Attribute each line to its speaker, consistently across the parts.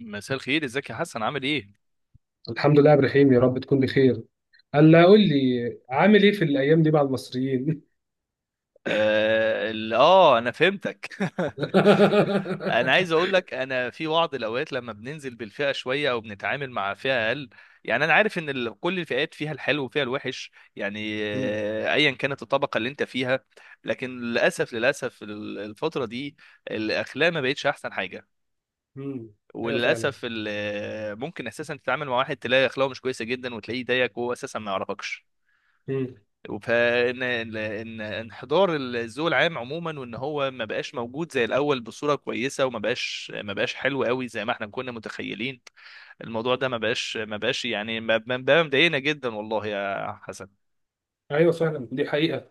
Speaker 1: مساء الخير، ازيك يا حسن؟ عامل ايه؟
Speaker 2: الحمد لله يا ابراهيم، يا رب تكون بخير. هلا قول لي عامل ايه في الايام دي مع المصريين؟
Speaker 1: انا فهمتك. انا عايز اقول لك، انا في بعض الاوقات لما بننزل بالفئه شويه او بنتعامل مع فئه اقل، يعني انا عارف ان كل الفئات فيها الحلو وفيها الوحش، يعني
Speaker 2: مم.
Speaker 1: ايا كانت الطبقه اللي انت فيها. لكن للاسف الفتره دي الاخلاق ما بقتش احسن حاجه.
Speaker 2: مم. ايوه فعلا.
Speaker 1: وللاسف ممكن اساسا تتعامل مع واحد تلاقي اخلاقه مش كويسه جدا وتلاقيه ضايقك وهو اساسا ما يعرفكش.
Speaker 2: مم.
Speaker 1: فان ان إن انحدار الذوق العام عموما، وان هو ما بقاش موجود زي الاول بصوره كويسه، وما بقاش حلو قوي زي ما احنا كنا متخيلين. الموضوع ده ما بقاش ما بقاش يعني ما ما- بقى مضايقنا جدا والله يا حسن.
Speaker 2: ايوه فعلا، دي حقيقه.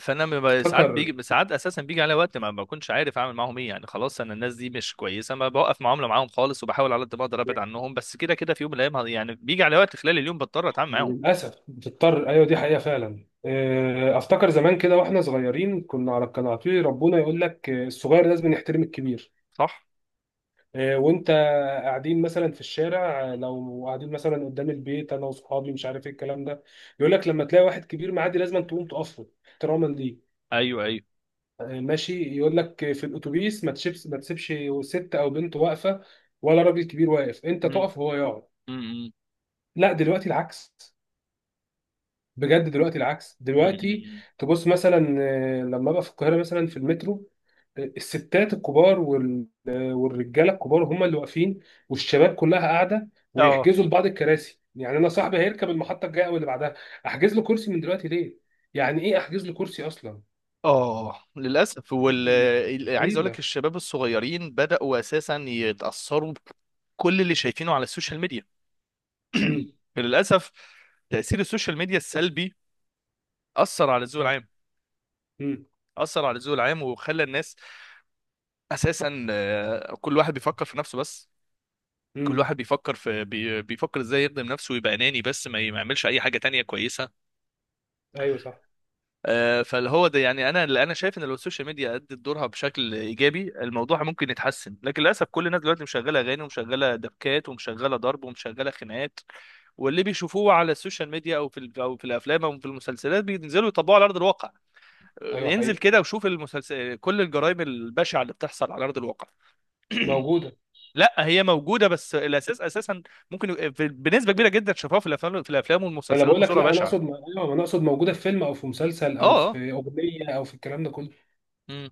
Speaker 1: فانا ساعات
Speaker 2: افتكر.
Speaker 1: بيجي، ساعات اساسا بيجي على وقت ما بكونش عارف اعمل معاهم ايه. يعني خلاص انا الناس دي مش كويسه، ما بوقف معامله معاهم خالص، وبحاول على قد ما اقدر ابعد عنهم. بس كده كده في يوم من الايام يعني بيجي على وقت خلال اليوم بضطر اتعامل معاهم.
Speaker 2: للاسف بتضطر، ايوه دي حقيقه فعلا. افتكر زمان كده واحنا صغيرين كنا على كان على طول ربنا يقول لك، الصغير لازم يحترم الكبير.
Speaker 1: صح.
Speaker 2: وانت قاعدين مثلا في الشارع، لو قاعدين مثلا قدام البيت انا وصحابي مش عارف ايه الكلام ده، يقول لك لما تلاقي واحد كبير معدي لازم تقوم تقف له احتراما ليه.
Speaker 1: ايوه، ايوه.
Speaker 2: ماشي، يقول لك في الاتوبيس ما تسيبش ست او بنت واقفه ولا راجل كبير واقف، انت
Speaker 1: امم.
Speaker 2: تقف وهو يقعد.
Speaker 1: امم.
Speaker 2: لا دلوقتي العكس، بجد دلوقتي العكس
Speaker 1: امم
Speaker 2: دلوقتي.
Speaker 1: أمم.
Speaker 2: تبص مثلا، لما ابقى في القاهره مثلا في المترو، الستات الكبار والرجاله الكبار هم اللي واقفين، والشباب كلها قاعده
Speaker 1: اه.
Speaker 2: ويحجزوا لبعض الكراسي. يعني انا صاحبي هيركب المحطه الجايه او اللي بعدها، احجز له كرسي من دلوقتي ليه؟ يعني ايه احجز له كرسي اصلا؟
Speaker 1: اه، للاسف.
Speaker 2: دي
Speaker 1: عايز اقول
Speaker 2: غريبه.
Speaker 1: لك، الشباب الصغيرين بداوا اساسا يتاثروا بكل اللي شايفينه على السوشيال ميديا.
Speaker 2: امم.
Speaker 1: للاسف، تاثير السوشيال ميديا السلبي اثر على الذوق العام.
Speaker 2: امم.
Speaker 1: اثر على الذوق العام وخلى الناس اساسا، كل واحد بيفكر في نفسه بس. كل
Speaker 2: امم.
Speaker 1: واحد بيفكر ازاي يخدم نفسه ويبقى اناني بس، ما يعملش اي حاجه تانية كويسه.
Speaker 2: ايوه صح.
Speaker 1: فاللي هو ده، يعني انا اللي انا شايف ان لو السوشيال ميديا ادت دورها بشكل ايجابي الموضوع ممكن يتحسن. لكن للاسف كل الناس دلوقتي مشغله اغاني، ومشغله دبكات، ومشغله ضرب، ومشغله خناقات. واللي بيشوفوه على السوشيال ميديا او في الافلام او في المسلسلات بينزلوا يطبقوا على ارض الواقع.
Speaker 2: ايوه
Speaker 1: انزل
Speaker 2: حقيقي
Speaker 1: كده وشوف المسلسل، كل الجرائم البشعه اللي بتحصل على ارض الواقع.
Speaker 2: موجوده.
Speaker 1: لا هي موجوده، بس الاساس اساسا ممكن يبقى بنسبه كبيره جدا شفاها في الافلام، في الافلام
Speaker 2: انا
Speaker 1: والمسلسلات
Speaker 2: بقول لك
Speaker 1: بصوره
Speaker 2: لا، انا اقصد
Speaker 1: بشعه.
Speaker 2: ايوه، انا اقصد موجوده في فيلم او في مسلسل او
Speaker 1: اه.
Speaker 2: في اغنيه او في الكلام ده كله.
Speaker 1: امم.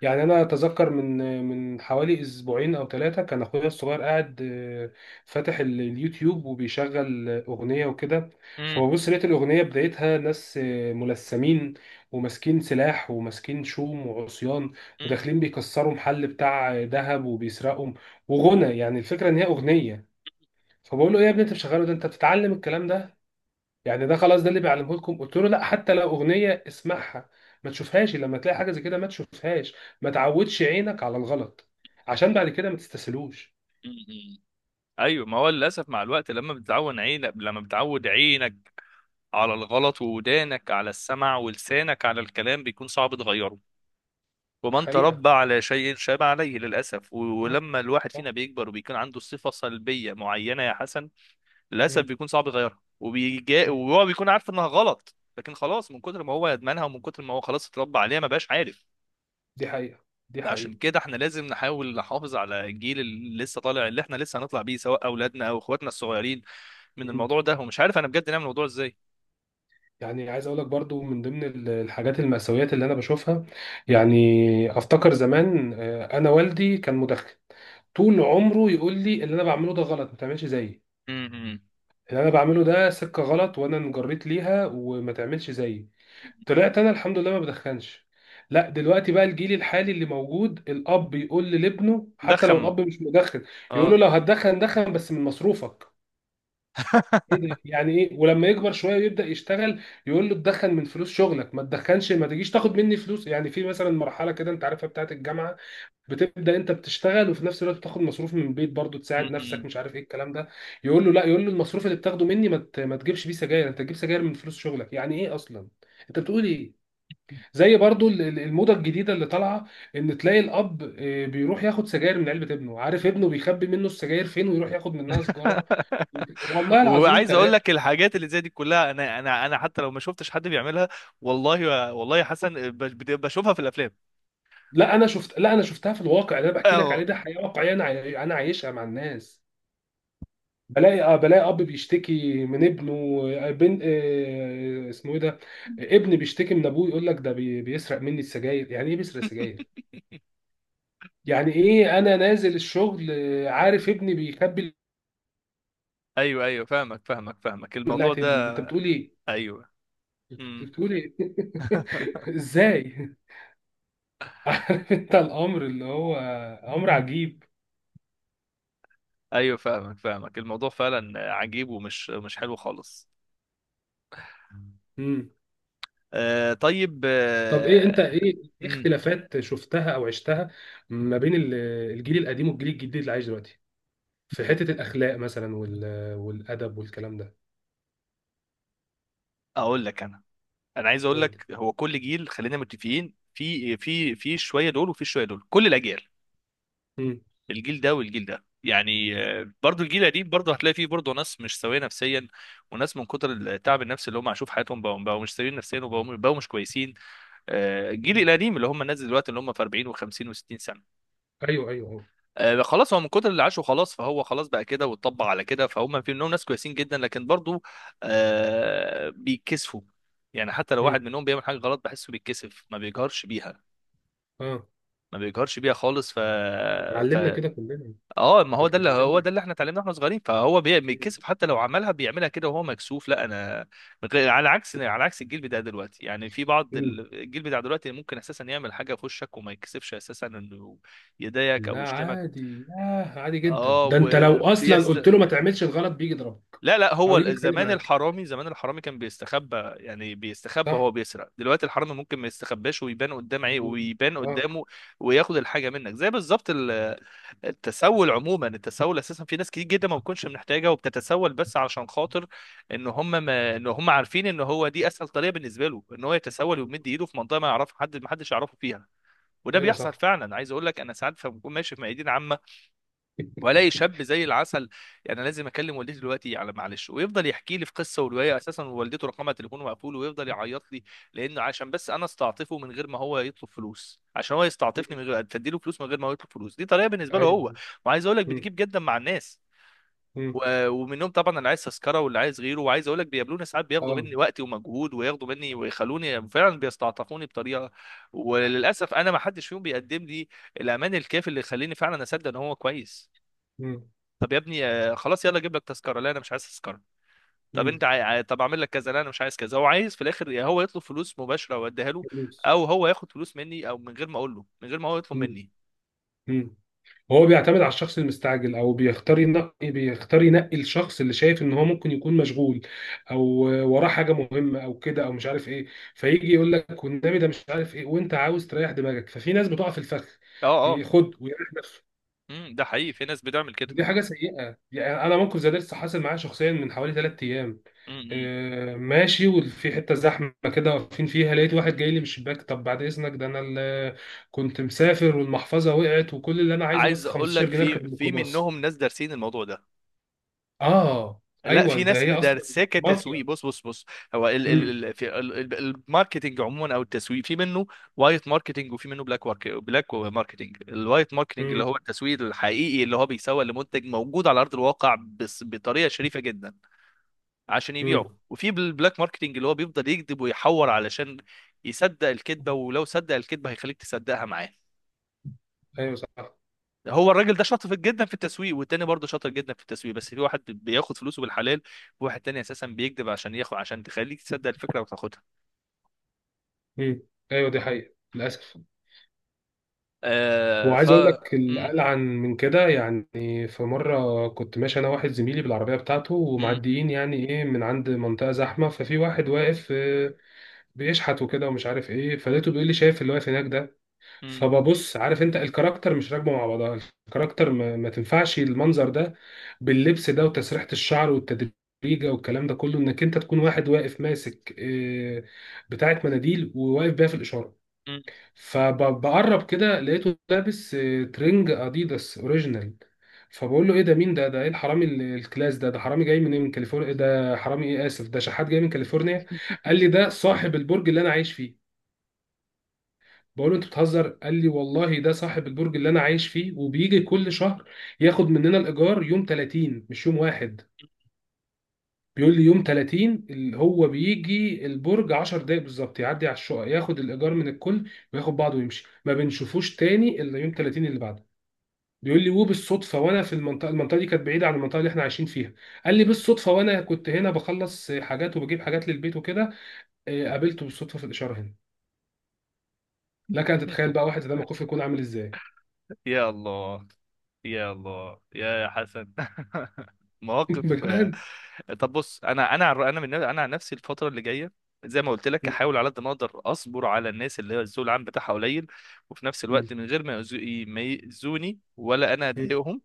Speaker 2: يعني انا اتذكر من من حوالي اسبوعين او ثلاثه كان اخويا الصغير قاعد، فاتح اليوتيوب وبيشغل اغنيه وكده.
Speaker 1: امم.
Speaker 2: فببص لقيت الاغنيه بدايتها ناس ملثمين وماسكين سلاح وماسكين شوم وعصيان وداخلين بيكسروا محل بتاع ذهب وبيسرقوا وغنى، يعني الفكره ان هي اغنيه. فبقول له ايه يا ابني انت بتشغله ده؟ انت بتتعلم الكلام ده؟ يعني ده خلاص ده اللي بيعلمه لكم؟ قلت له لا، حتى لو اغنيه اسمعها ما تشوفهاش. لما تلاقي حاجه زي كده ما تشوفهاش، ما تعودش عينك على الغلط عشان بعد كده ما تستسهلوش.
Speaker 1: امم. ايوه، ما هو للاسف مع الوقت لما بتعود عينك، لما بتعود عينك على الغلط، وودانك على السمع، ولسانك على الكلام، بيكون صعب تغيره. ومن
Speaker 2: حقيقه.
Speaker 1: تربى على شيء شاب عليه للاسف.
Speaker 2: صح.
Speaker 1: ولما الواحد فينا
Speaker 2: صح.
Speaker 1: بيكبر وبيكون عنده صفه سلبيه معينه يا حسن، للاسف
Speaker 2: مم.
Speaker 1: بيكون صعب يغيرها. وبيجا
Speaker 2: مم.
Speaker 1: وهو بيكون عارف انها غلط، لكن خلاص من كتر ما هو يدمنها، ومن كتر ما هو خلاص اتربى عليها ما بقاش عارف.
Speaker 2: دي حقيقه. دي
Speaker 1: فعشان
Speaker 2: حقيقه.
Speaker 1: كده احنا لازم نحاول نحافظ على الجيل اللي لسه طالع، اللي احنا لسه هنطلع بيه، سواء اولادنا او اخواتنا الصغيرين، من
Speaker 2: مم.
Speaker 1: الموضوع ده. ومش عارف انا بجد نعمل الموضوع ازاي.
Speaker 2: يعني عايز اقول لك برضو من ضمن الحاجات المأساويات اللي انا بشوفها.
Speaker 1: مم.
Speaker 2: يعني افتكر زمان، انا والدي كان مدخن طول عمره يقول لي اللي انا بعمله ده غلط، ما تعملش زيي.
Speaker 1: مم. مم.
Speaker 2: اللي انا بعمله ده سكه غلط وانا انجريت ليها، وما تعملش زيي. طلعت انا الحمد لله ما بدخنش. لا دلوقتي بقى الجيل الحالي اللي موجود الاب يقول لابنه،
Speaker 1: ده
Speaker 2: حتى لو
Speaker 1: خم
Speaker 2: الاب مش مدخن، يقول له
Speaker 1: اه.
Speaker 2: لو هتدخن دخن بس من مصروفك. ايه ده؟ يعني ايه؟ ولما يكبر شويه ويبدا يشتغل يقول له تدخن من فلوس شغلك، ما تدخنش، ما تجيش تاخد مني فلوس. يعني في مثلا مرحله كده انت عارفها بتاعت الجامعه، بتبدا انت بتشتغل وفي نفس الوقت بتاخد مصروف من البيت برضو تساعد نفسك
Speaker 1: مم.
Speaker 2: مش عارف ايه الكلام ده. يقول له لا، يقول له المصروف اللي بتاخده مني ما تجيبش بيه سجاير، انت تجيب سجاير من فلوس شغلك. يعني ايه اصلا؟ انت بتقول ايه؟
Speaker 1: مم.
Speaker 2: زي برضو الموضة الجديدة اللي طالعة، ان تلاقي الاب بيروح ياخد سجاير من علبة ابنه، عارف ابنه بيخبي منه السجاير فين، ويروح ياخد منها سجارة. والله العظيم
Speaker 1: وعايز
Speaker 2: كلام.
Speaker 1: اقول لك الحاجات اللي زي دي كلها، انا حتى لو ما شفتش حد بيعملها، والله والله يا حسن، بشوفها في الافلام.
Speaker 2: لا انا شفت، لا انا شفتها في الواقع. اللي انا بحكي لك
Speaker 1: اه.
Speaker 2: عليه ده حقيقة واقعية، انا انا عايشها مع الناس. بلاقي، بلاقي اب بيشتكي من ابنه، آه، بن آه، اسمه ايه ده، ابن بيشتكي من ابوه يقول لك ده بيسرق مني السجاير. يعني ايه بيسرق سجاير؟ يعني ايه؟ انا نازل الشغل، عارف ابني بيخبي
Speaker 1: ايوه، ايوه، فاهمك الموضوع
Speaker 2: ولاعة ابني.
Speaker 1: ده.
Speaker 2: انت بتقول ايه؟
Speaker 1: ايوه. امم.
Speaker 2: بتقولي. ازاي؟ عارف انت الامر اللي هو امر عجيب.
Speaker 1: ايوه، فاهمك، الموضوع فعلا عجيب، ومش مش حلو خالص.
Speaker 2: مم.
Speaker 1: آه طيب.
Speaker 2: طب ايه انت
Speaker 1: آه.
Speaker 2: إيه
Speaker 1: امم.
Speaker 2: اختلافات شفتها او عشتها ما بين الجيل القديم والجيل الجديد اللي عايش دلوقتي في حتة الاخلاق مثلا والادب والكلام ده؟
Speaker 1: اقول لك انا، عايز اقول
Speaker 2: قول لي.
Speaker 1: لك، هو كل جيل، خلينا متفقين، في شويه دول وفي شويه دول، كل الاجيال.
Speaker 2: مم.
Speaker 1: الجيل ده والجيل ده، يعني برضو الجيل القديم برضو هتلاقي فيه برضو ناس مش سويه نفسيا. وناس من كتر التعب النفسي اللي هم عاشوه في حياتهم، بقوا مش سويين نفسيا، وبقوا مش كويسين. الجيل القديم اللي هم الناس دلوقتي، اللي هم في 40 و50 و60 سنه.
Speaker 2: ايوه ايوه ايوه.
Speaker 1: خلاص هو من كتر اللي عاشه، خلاص فهو خلاص بقى كده واتطبع على كده. فهم في منهم ناس كويسين جدا، لكن برضو آه بيتكسفوا. يعني حتى لو
Speaker 2: مم.
Speaker 1: واحد منهم بيعمل حاجه غلط بحسه بيتكسف، ما بيجهرش بيها.
Speaker 2: اه.
Speaker 1: ما بيجهرش بيها خالص. ف ف
Speaker 2: اتعلمنا كده كلنا.
Speaker 1: اه، ما هو ده اللي، هو
Speaker 2: اتعلمنا.
Speaker 1: ده اللي احنا اتعلمناه واحنا صغيرين. فهو
Speaker 2: مم.
Speaker 1: بيتكسف، حتى لو عملها بيعملها كده وهو مكسوف. لا انا من غير- على عكس، على عكس الجيل بتاع دلوقتي. يعني في بعض
Speaker 2: مم.
Speaker 1: الجيل بتاع دلوقتي ممكن اساسا يعمل حاجه في وشك وما يتكسفش اساسا انه يضايقك او
Speaker 2: لا
Speaker 1: يشتمك.
Speaker 2: عادي، ياه عادي جدا.
Speaker 1: اه،
Speaker 2: ده انت لو اصلا قلت
Speaker 1: وبيستسهل.
Speaker 2: له ما تعملش الغلط بيجي يضربك
Speaker 1: لا لا،
Speaker 2: او يجي يتخانق
Speaker 1: زمان
Speaker 2: معاك.
Speaker 1: الحرامي، زمان الحرامي كان بيستخبى، يعني بيستخبى
Speaker 2: صح.
Speaker 1: وهو بيسرق. دلوقتي الحرامي ممكن ما يستخباش ويبان قدام عيه
Speaker 2: مم.
Speaker 1: ويبان
Speaker 2: اه.
Speaker 1: قدامه وياخد الحاجه منك. زي بالظبط التسول عموما. التسول اساسا في ناس كتير جدا ما بتكونش محتاجه وبتتسول بس علشان خاطر ان هم ما ان هم عارفين ان هو دي اسهل طريقه بالنسبه له، ان هو يتسول ويمد ايده في منطقه ما حدش يعرفه فيها. وده
Speaker 2: ايوه
Speaker 1: بيحصل
Speaker 2: صح.
Speaker 1: فعلا. عايز اقول لك، انا ساعات بكون ماشي في ميادين عامه، والاقي شاب زي العسل، يعني لازم اكلم والدتي دلوقتي على معلش، ويفضل يحكي لي في قصه وروايه، اساسا والدته رقمها تليفونه مقفول، ويفضل يعيط لي. لانه عشان بس انا استعطفه من غير ما هو يطلب فلوس، عشان هو
Speaker 2: مم.
Speaker 1: يستعطفني من غير تديله فلوس، من غير ما هو يطلب فلوس. دي طريقه بالنسبه له هو.
Speaker 2: ايوه.
Speaker 1: وعايز اقول لك،
Speaker 2: مم.
Speaker 1: بتجيب جدا مع الناس.
Speaker 2: مم.
Speaker 1: ومنهم طبعا اللي عايز تذكره، واللي عايز غيره. وعايز اقول لك بيقابلوني ساعات، بياخدوا
Speaker 2: اه.
Speaker 1: مني وقتي ومجهود، وياخدوا مني ويخلوني فعلا بيستعطفوني بطريقه. وللاسف انا ما حدش فيهم بيقدم لي الامان الكافي اللي يخليني فعلا اصدق ان هو كويس.
Speaker 2: مم.
Speaker 1: طب يا ابني خلاص يلا اجيب لك تذكره. لا انا مش عايز تذكره. طب
Speaker 2: مم.
Speaker 1: انت طب اعمل لك كذا. لا انا مش عايز كذا. هو عايز في الاخر، يا هو يطلب فلوس مباشره واديها له،
Speaker 2: فلوس.
Speaker 1: او هو ياخد فلوس مني، او من غير ما اقول له، من غير ما هو يطلب
Speaker 2: مم.
Speaker 1: مني.
Speaker 2: مم. هو بيعتمد على الشخص المستعجل، او بيختار ينقي، بيختار ينقي الشخص اللي شايف ان هو ممكن يكون مشغول او وراه حاجه مهمه او كده او مش عارف ايه. فيجي يقول لك والنبي ده مش عارف ايه، وانت عاوز تريح دماغك، ففي ناس بتقع في الفخ.
Speaker 1: اه. اه.
Speaker 2: ياخد ويريح نفسه.
Speaker 1: امم، ده حقيقي، في ناس بتعمل كده.
Speaker 2: ودي حاجة سيئة. يعني أنا موقف زي ده لسه حاصل معايا شخصيا من حوالي 3 أيام.
Speaker 1: امم.
Speaker 2: ماشي، وفي حتة زحمة كده واقفين فيها، لقيت واحد جاي لي من الشباك، طب بعد إذنك ده أنا اللي كنت مسافر والمحفظة وقعت وكل اللي أنا عايزه بس
Speaker 1: عايز اقول
Speaker 2: 15
Speaker 1: لك،
Speaker 2: جنيه أركب
Speaker 1: في
Speaker 2: الميكروباص.
Speaker 1: منهم ناس دارسين الموضوع ده.
Speaker 2: آه.
Speaker 1: لا
Speaker 2: أيوه،
Speaker 1: في
Speaker 2: ده
Speaker 1: ناس
Speaker 2: هي أصلا
Speaker 1: مدرساه كتسويق.
Speaker 2: مافيا.
Speaker 1: بص بص بص، هو ال
Speaker 2: مم.
Speaker 1: ال ال في ال- ال- الماركتينج عموما او التسويق، في منه وايت ماركتينج، وفي منه بلاك ورك، بلاك ماركتينج. الوايت ماركتينج اللي
Speaker 2: مم.
Speaker 1: هو التسويق الحقيقي، اللي هو بيسوق لمنتج موجود على ارض الواقع بس بطريقه شريفه جدا عشان يبيعه.
Speaker 2: مم.
Speaker 1: وفي البلاك ماركتينج اللي هو بيفضل يكذب ويحور، علشان يصدق الكذبه، ولو صدق الكذبه هيخليك تصدقها معاه.
Speaker 2: أيوه صح.
Speaker 1: هو الراجل ده شاطر جدا في التسويق، والتاني برضه شاطر جدا في التسويق، بس في واحد بياخد فلوسه بالحلال، وواحد تاني اساسا بيكذب عشان ياخد، عشان تخليك تصدق الفكره وتاخدها.
Speaker 2: مم. أيوه، دي حقيقة للأسف.
Speaker 1: آه.
Speaker 2: وعايز اقول لك
Speaker 1: مم.
Speaker 2: القلعن عن من كده. يعني في مره كنت ماشي انا واحد زميلي بالعربيه بتاعته
Speaker 1: مم.
Speaker 2: ومعديين، يعني ايه، من عند منطقه زحمه، ففي واحد واقف بيشحت وكده ومش عارف ايه، فلقيته بيقول لي شايف اللي واقف هناك ده؟
Speaker 1: مم.
Speaker 2: فببص. عارف انت الكاركتر مش راكبه مع بعضها، الكاركتر ما تنفعش المنظر ده باللبس ده وتسريحه الشعر والتدريجه والكلام ده كله انك انت تكون واحد واقف ماسك بتاعه مناديل وواقف بيها في الاشاره.
Speaker 1: مم.
Speaker 2: فبقرب كده لقيته لابس ترنج اديداس اوريجينال. فبقول له ايه ده؟ مين ده؟ ده ايه الحرامي الكلاس ده؟ ده حرامي جاي من ايه؟ من كاليفورنيا؟ إيه ده حرامي، ايه اسف ده شحات جاي من كاليفورنيا. قال لي ده صاحب البرج اللي انا عايش فيه. بقول له انت بتهزر. قال لي والله ده صاحب البرج اللي انا عايش فيه، وبيجي كل شهر ياخد مننا الايجار يوم 30 مش يوم واحد. بيقول لي يوم 30 اللي هو بيجي البرج 10 دقايق بالظبط، يعدي على الشقق ياخد الايجار من الكل وياخد بعضه ويمشي، ما بنشوفوش تاني الا يوم 30 اللي بعده. بيقول لي وبالصدفه وانا في المنطقه، المنطقه دي كانت بعيده عن المنطقه اللي احنا عايشين فيها، قال لي بالصدفه وانا كنت هنا بخلص حاجات وبجيب حاجات للبيت وكده، قابلته بالصدفه في الاشاره هنا. لك ان تتخيل بقى واحد زي ده موقفه يكون عامل ازاي.
Speaker 1: يا الله. يا الله يا حسن. مواقف آه.
Speaker 2: بجد.
Speaker 1: طب بص، انا عن نفسي الفتره اللي جايه، زي ما قلت لك
Speaker 2: م-
Speaker 1: هحاول على قد ما اقدر اصبر على الناس اللي هي الذوق العام بتاعها قليل، وفي نفس الوقت
Speaker 2: م-
Speaker 1: من غير ما يؤذوني ولا انا
Speaker 2: م.
Speaker 1: اضايقهم،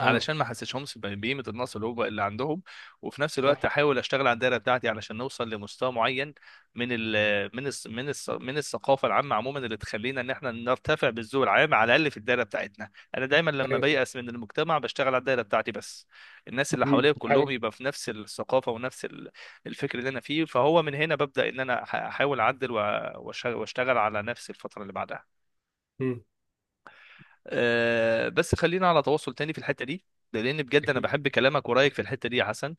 Speaker 2: اه.
Speaker 1: ما احسسهمش بقيمه النقص اللي هو اللي عندهم. وفي نفس
Speaker 2: صح.
Speaker 1: الوقت احاول اشتغل على الدايره بتاعتي علشان نوصل لمستوى معين من ال من ال من ال من الثقافه العامه عموما، اللي تخلينا ان احنا نرتفع بالذوق العام على الاقل في الدايره بتاعتنا. انا دايما لما
Speaker 2: ايوه صح.
Speaker 1: بيأس من المجتمع بشتغل على الدايره بتاعتي بس، الناس اللي
Speaker 2: م.
Speaker 1: حواليا
Speaker 2: دي
Speaker 1: كلهم
Speaker 2: حقيقة.
Speaker 1: يبقى في نفس الثقافه ونفس الفكر اللي انا فيه. فهو من هنا ببدأ ان انا احاول اعدل واشتغل على نفسي الفتره اللي بعدها.
Speaker 2: م.
Speaker 1: بس خلينا على تواصل تاني في الحتة دي، ده لأن بجد أنا
Speaker 2: اكيد.
Speaker 1: بحب كلامك ورأيك في الحتة دي يا حسن.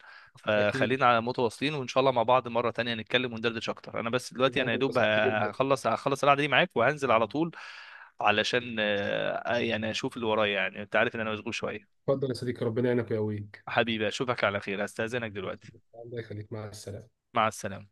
Speaker 2: اكيد،
Speaker 1: فخلينا على متواصلين، وإن شاء الله مع بعض مرة تانية نتكلم وندردش أكتر. أنا بس دلوقتي أنا
Speaker 2: وانا
Speaker 1: يا دوب
Speaker 2: انبسطت جدا.
Speaker 1: هخلص القعدة دي معاك وهنزل على طول، علشان يعني أشوف اللي ورايا. يعني أنت عارف إن أنا مشغول شوية.
Speaker 2: اتفضل يا صديقي، ربنا يعينك ويقويك.
Speaker 1: حبيبي، أشوفك على خير، هستأذنك دلوقتي.
Speaker 2: الله يخليك، مع السلامة.
Speaker 1: مع السلامة.